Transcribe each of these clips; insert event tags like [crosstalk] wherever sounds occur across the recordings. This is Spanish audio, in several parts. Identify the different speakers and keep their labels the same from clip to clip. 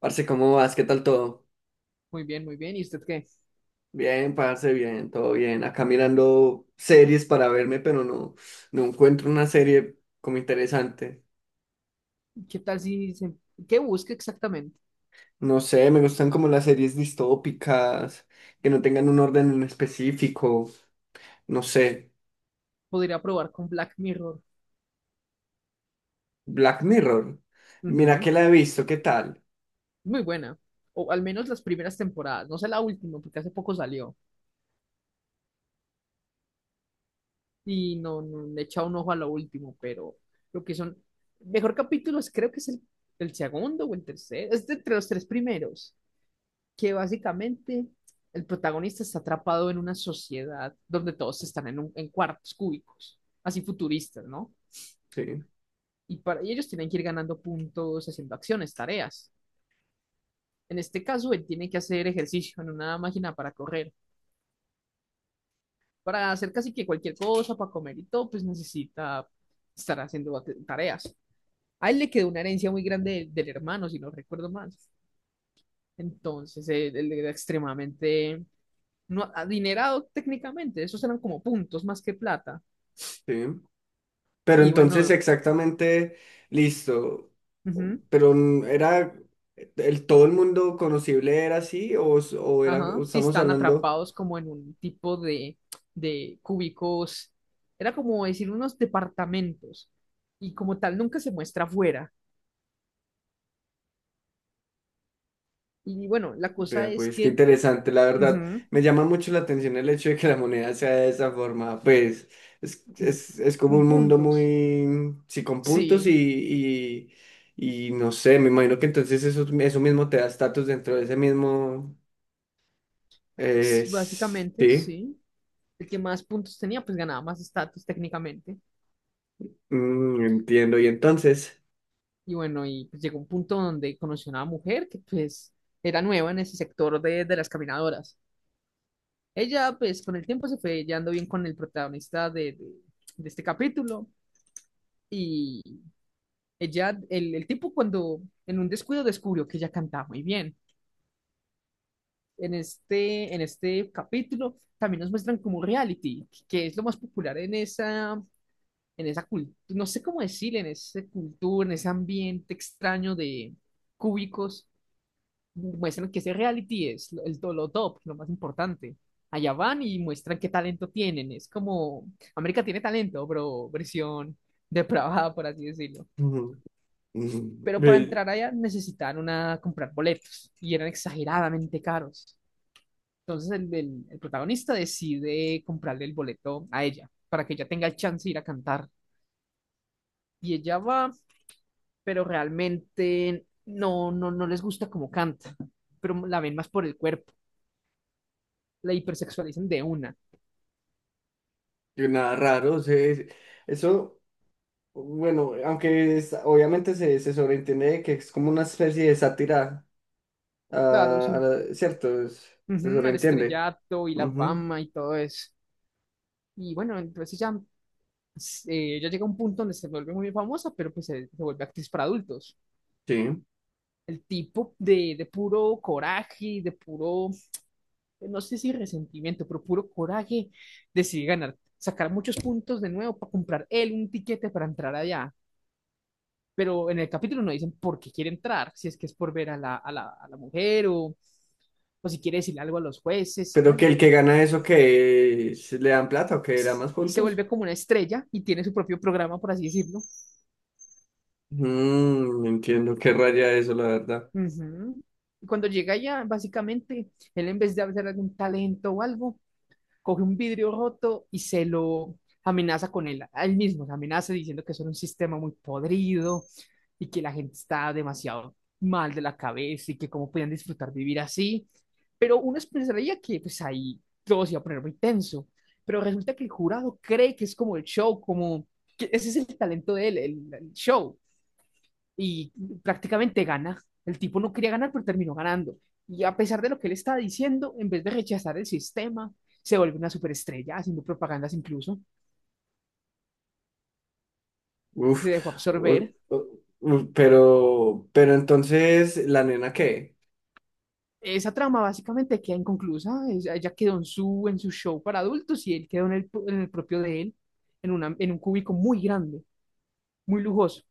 Speaker 1: Parce, ¿cómo vas? ¿Qué tal todo?
Speaker 2: Muy bien, muy bien. ¿Y usted qué?
Speaker 1: Bien, parce, bien, todo bien. Acá mirando series para verme, pero no, no encuentro una serie como interesante.
Speaker 2: ¿Qué tal si se... ¿Qué busca exactamente?
Speaker 1: No sé, me gustan como las series distópicas, que no tengan un orden en específico. No sé,
Speaker 2: Podría probar con Black Mirror.
Speaker 1: Black Mirror. Mira
Speaker 2: Ujú.
Speaker 1: que la he visto, ¿qué tal?
Speaker 2: Muy buena. O al menos las primeras temporadas. No sé la última, porque hace poco salió. Y no, no le he echado un ojo a lo último, pero lo que son. Mejor capítulo es, creo que es el segundo o el tercero. Es de entre los tres primeros. Que básicamente el protagonista está atrapado en una sociedad donde todos están en cuartos cúbicos. Así futuristas, ¿no?
Speaker 1: Sí,
Speaker 2: Y ellos tienen que ir ganando puntos haciendo acciones, tareas. En este caso, él tiene que hacer ejercicio en una máquina para correr, para hacer casi que cualquier cosa, para comer y todo, pues necesita estar haciendo tareas. A él le quedó una herencia muy grande del hermano, si no recuerdo mal. Entonces, él era extremadamente no, adinerado técnicamente, esos eran como puntos más que plata.
Speaker 1: sí. Pero
Speaker 2: Y
Speaker 1: entonces
Speaker 2: bueno,
Speaker 1: exactamente, listo.
Speaker 2: ujú.
Speaker 1: Pero era, todo el mundo conocible era así o, o era,
Speaker 2: Ajá,
Speaker 1: o
Speaker 2: sí,
Speaker 1: estamos
Speaker 2: están
Speaker 1: hablando.
Speaker 2: atrapados como en un tipo de, cúbicos, era como decir unos departamentos, y como tal nunca se muestra afuera. Y bueno, la cosa
Speaker 1: Vea,
Speaker 2: es
Speaker 1: pues qué
Speaker 2: que
Speaker 1: interesante, la verdad.
Speaker 2: ujú,
Speaker 1: Me llama mucho la atención el hecho de que la moneda sea de esa forma. Pues es como un
Speaker 2: con
Speaker 1: mundo
Speaker 2: puntos,
Speaker 1: muy, sí, con puntos y,
Speaker 2: sí,
Speaker 1: no sé, me imagino que entonces eso mismo te da estatus dentro de ese mismo,
Speaker 2: básicamente,
Speaker 1: sí,
Speaker 2: sí. El que más puntos tenía, pues ganaba más estatus técnicamente.
Speaker 1: mm, entiendo. Y entonces,
Speaker 2: Y bueno, y pues llegó un punto donde conoció a una mujer que pues era nueva en ese sector de, las caminadoras. Ella, pues, con el tiempo se fue llevando bien con el protagonista de, de este capítulo. Y el tipo cuando en un descuido descubrió que ella cantaba muy bien. En este capítulo también nos muestran como reality, que es lo más popular en esa cultura, no sé cómo decir, en esa cultura, en ese ambiente extraño de cúbicos, muestran que ese reality es el, lo top, lo más importante. Allá van y muestran qué talento tienen. Es como América tiene talento, pero versión depravada, por así decirlo.
Speaker 1: [laughs] ujú, ujú,
Speaker 2: Pero para
Speaker 1: ve,
Speaker 2: entrar allá necesitaron una comprar boletos y eran exageradamente caros. Entonces el, el protagonista decide comprarle el boleto a ella para que ella tenga el chance de ir a cantar. Y ella va, pero realmente no les gusta cómo canta, pero la ven más por el cuerpo. La hipersexualizan de una.
Speaker 1: y nada raro, o sea, eso... Bueno, aunque obviamente se, se sobreentiende de que es como una especie de sátira
Speaker 2: Claro, sí.
Speaker 1: cierto, se
Speaker 2: Ujú, al
Speaker 1: sobreentiende.
Speaker 2: estrellato y la
Speaker 1: Ujú,
Speaker 2: fama y todo eso. Y bueno, entonces ya llega un punto donde se vuelve muy famosa, pero pues se vuelve actriz para adultos.
Speaker 1: sí.
Speaker 2: El tipo de puro coraje, de puro, no sé si resentimiento, pero puro coraje, decide ganar, sacar muchos puntos de nuevo para comprar él un tiquete para entrar allá. Pero en el capítulo no dicen por qué quiere entrar, si es que es por ver a la, a la mujer, o si quiere decirle algo a los jueces. Y
Speaker 1: Pero
Speaker 2: bueno,
Speaker 1: que el que gana eso, que le dan plata o que le dan más
Speaker 2: se
Speaker 1: puntos.
Speaker 2: vuelve como una estrella y tiene su propio programa, por así decirlo.
Speaker 1: Mm, entiendo qué raya eso, la verdad.
Speaker 2: Ujú. Y cuando llega allá, básicamente, él, en vez de hacer algún talento o algo, coge un vidrio roto y se lo amenaza con él, a él mismo, se amenaza diciendo que eso era un sistema muy podrido y que la gente está demasiado mal de la cabeza y que cómo podían disfrutar vivir así. Pero uno pensaría que pues ahí todo se iba a poner muy tenso, pero resulta que el jurado cree que es como el show, como que ese es el talento de él, el show, y prácticamente gana. El tipo no quería ganar, pero terminó ganando. Y a pesar de lo que él estaba diciendo, en vez de rechazar el sistema, se vuelve una superestrella, haciendo propagandas incluso, se
Speaker 1: Uf,
Speaker 2: dejó
Speaker 1: o-
Speaker 2: absorber.
Speaker 1: o- uf, pero entonces, ¿la nena qué?
Speaker 2: Esa trama básicamente queda inconclusa, ella quedó en su show para adultos, y él quedó en el propio de él, en un cúbico muy grande, muy lujoso.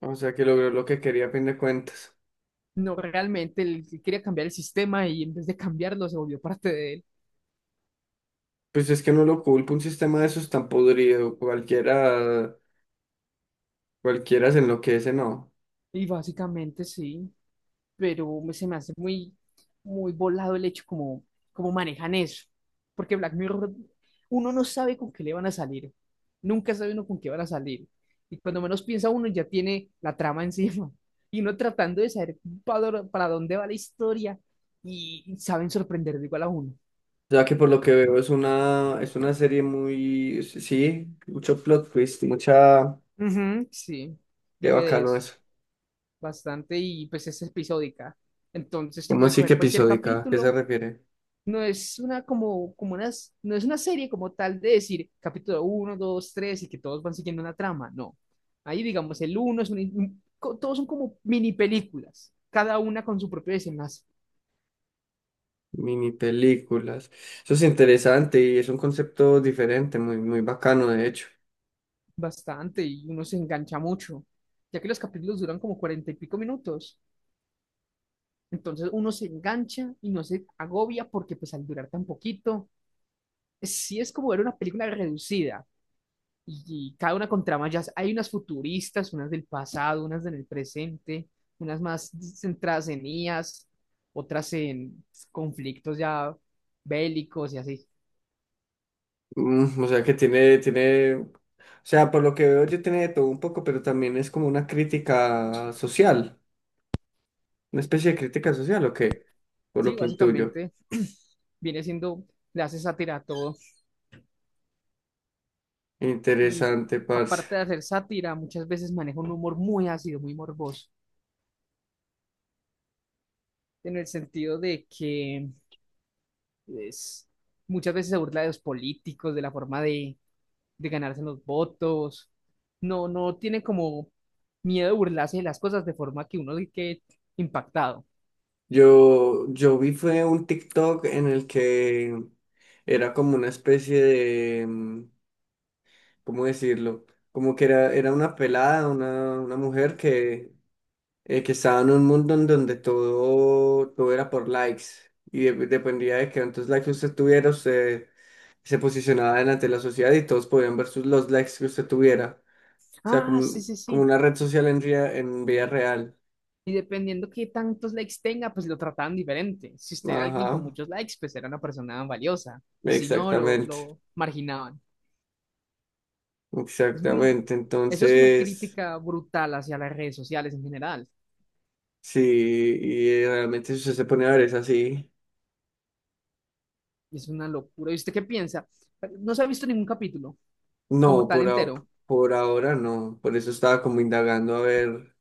Speaker 1: O sea, que logró lo que quería a fin de cuentas.
Speaker 2: No, realmente él quería cambiar el sistema y en vez de cambiarlo se volvió parte de él.
Speaker 1: Pues es que no lo culpa, un sistema de esos tan podrido, cualquiera, cualquiera se enloquece, no.
Speaker 2: Y básicamente sí, pero se me hace muy, muy volado el hecho como, como manejan eso. Porque Black Mirror, uno no sabe con qué le van a salir. Nunca sabe uno con qué van a salir. Y cuando menos piensa uno ya tiene la trama encima. [laughs] Y uno tratando de saber para dónde va la historia, y saben sorprender de igual a uno.
Speaker 1: Ya que por lo que veo es una serie muy, sí, sí, mucho plot twist, mucha,
Speaker 2: Ujú, sí,
Speaker 1: qué
Speaker 2: vive de
Speaker 1: bacano
Speaker 2: eso.
Speaker 1: eso.
Speaker 2: Bastante, y pues es episódica. Entonces te
Speaker 1: ¿Cómo
Speaker 2: puede
Speaker 1: así que
Speaker 2: coger cualquier
Speaker 1: episódica? ¿A ¿Qué se
Speaker 2: capítulo.
Speaker 1: refiere?
Speaker 2: No es una como, como unas, no es una serie como tal de decir capítulo uno, dos, tres, y que todos van siguiendo una trama, no. Ahí digamos el uno es un, co- todos son como mini películas, cada una con su propio desenlace,
Speaker 1: Mini películas. Eso es interesante y es un concepto diferente, muy, muy bacano de hecho.
Speaker 2: bastante, y uno se engancha mucho, ya que los capítulos duran como 40 y pico minutos. Entonces uno se engancha y no se agobia, porque pues al durar tan poquito, sí es como ver una película reducida, y cada una con tramas. Ya hay unas futuristas, unas del pasado, unas en el presente, unas más centradas en IAs, otras en conflictos ya bélicos y así.
Speaker 1: Mm, o sea que o sea, por lo que veo yo tiene de todo un poco, pero también es como una crítica social, una especie de crítica social, ¿o qué? Por lo
Speaker 2: Sí,
Speaker 1: que intuyo.
Speaker 2: básicamente [clears throat] viene siendo, le hace sátira a todo, y
Speaker 1: Interesante, parce.
Speaker 2: aparte de hacer sátira, muchas veces maneja un humor muy ácido, muy morboso, en el sentido de que es, muchas veces se burla de los políticos, de la forma de ganarse los votos. No tiene como miedo de burlarse de las cosas de forma que uno quede impactado.
Speaker 1: Yo vi fue un TikTok en el que era como una especie de, mm, ¿cómo decirlo? Como que era una pelada, una mujer que estaba en un mundo en donde todo era por likes y dependía de que cuántos likes usted tuviera, usted se posicionaba delante de la sociedad y todos podían ver sus, los likes que usted tuviera. O sea, como,
Speaker 2: Ah, sí, sí,
Speaker 1: como
Speaker 2: sí.
Speaker 1: una red social en, en vida real.
Speaker 2: Y dependiendo qué tantos likes tenga, pues lo trataban diferente. Si usted era alguien con
Speaker 1: Ajá,
Speaker 2: muchos likes, pues era una persona valiosa. Y si no, lo,
Speaker 1: exactamente.
Speaker 2: lo marginaban. Es muy...
Speaker 1: Exactamente,
Speaker 2: Eso es una
Speaker 1: entonces,
Speaker 2: crítica brutal hacia las redes sociales en general.
Speaker 1: sí, y realmente si usted se pone a ver es así.
Speaker 2: Y es una locura. ¿Y usted qué piensa? No se ha visto ningún capítulo
Speaker 1: No,
Speaker 2: como tan entero.
Speaker 1: por ahora no, por eso estaba como indagando a ver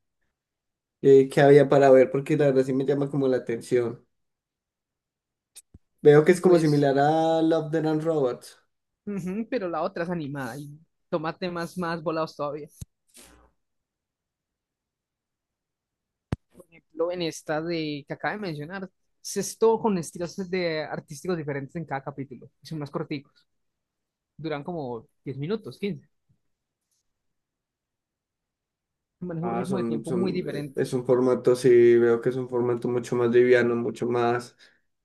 Speaker 1: qué había para ver, porque la verdad sí me llama como la atención. Veo que
Speaker 2: Y
Speaker 1: es como
Speaker 2: pues
Speaker 1: similar a Love, Death and Robots.
Speaker 2: ujú, pero la otra es animada y toma temas más volados todavía. Por ejemplo, en esta de que acaba de mencionar, se es todo con estilos de artísticos diferentes en cada capítulo. Y son más corticos, duran como 10 minutos, 15. Maneja un
Speaker 1: Ah,
Speaker 2: ritmo de tiempo muy diferente,
Speaker 1: es un formato, sí, veo que es un formato mucho más liviano, mucho más.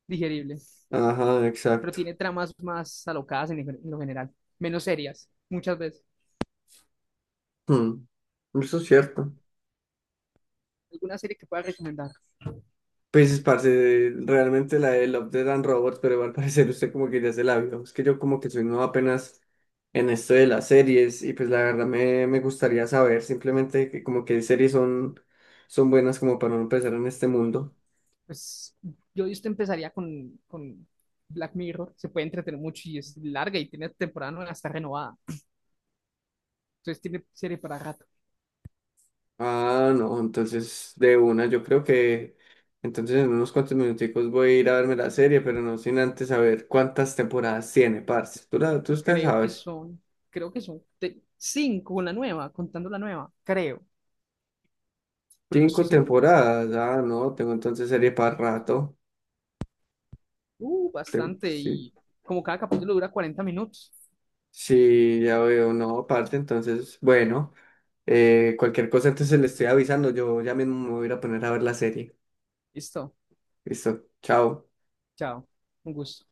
Speaker 2: digerible,
Speaker 1: Ajá,
Speaker 2: pero
Speaker 1: exacto.
Speaker 2: tiene tramas más alocadas en lo general, menos serias, muchas veces.
Speaker 1: Hmm, eso es cierto.
Speaker 2: ¿Alguna serie que pueda recomendar?
Speaker 1: Pues, parce, realmente la de Love, Death and Robots, pero al parecer usted como que ya se la vio. Es que yo como que soy nuevo apenas en esto de las series y pues la verdad me gustaría saber simplemente que como que series son buenas como para no empezar en este mundo.
Speaker 2: Pues yo de usted empezaría con Black Mirror, se puede entretener mucho y es larga y tiene temporada nueva, está renovada. Entonces tiene serie para rato.
Speaker 1: Ah, no, entonces de una, yo creo que entonces en unos cuantos minuticos voy a ir a verme la serie, pero no sin antes saber cuántas temporadas tiene, parce. Tú usted
Speaker 2: Creo que
Speaker 1: sabes.
Speaker 2: son, creo que son cinco, una nueva, contando la nueva, creo, pero no
Speaker 1: Cinco
Speaker 2: estoy seguro.
Speaker 1: temporadas, ah, no, tengo entonces serie para rato.
Speaker 2: Bastante,
Speaker 1: Sí,
Speaker 2: y como cada capítulo dura 40 minutos.
Speaker 1: sí, ya veo, no, aparte, entonces, bueno, cualquier cosa entonces le estoy avisando, yo ya mismo me voy a ir a poner a ver la serie.
Speaker 2: Listo,
Speaker 1: Listo, chao.
Speaker 2: chao, un gusto.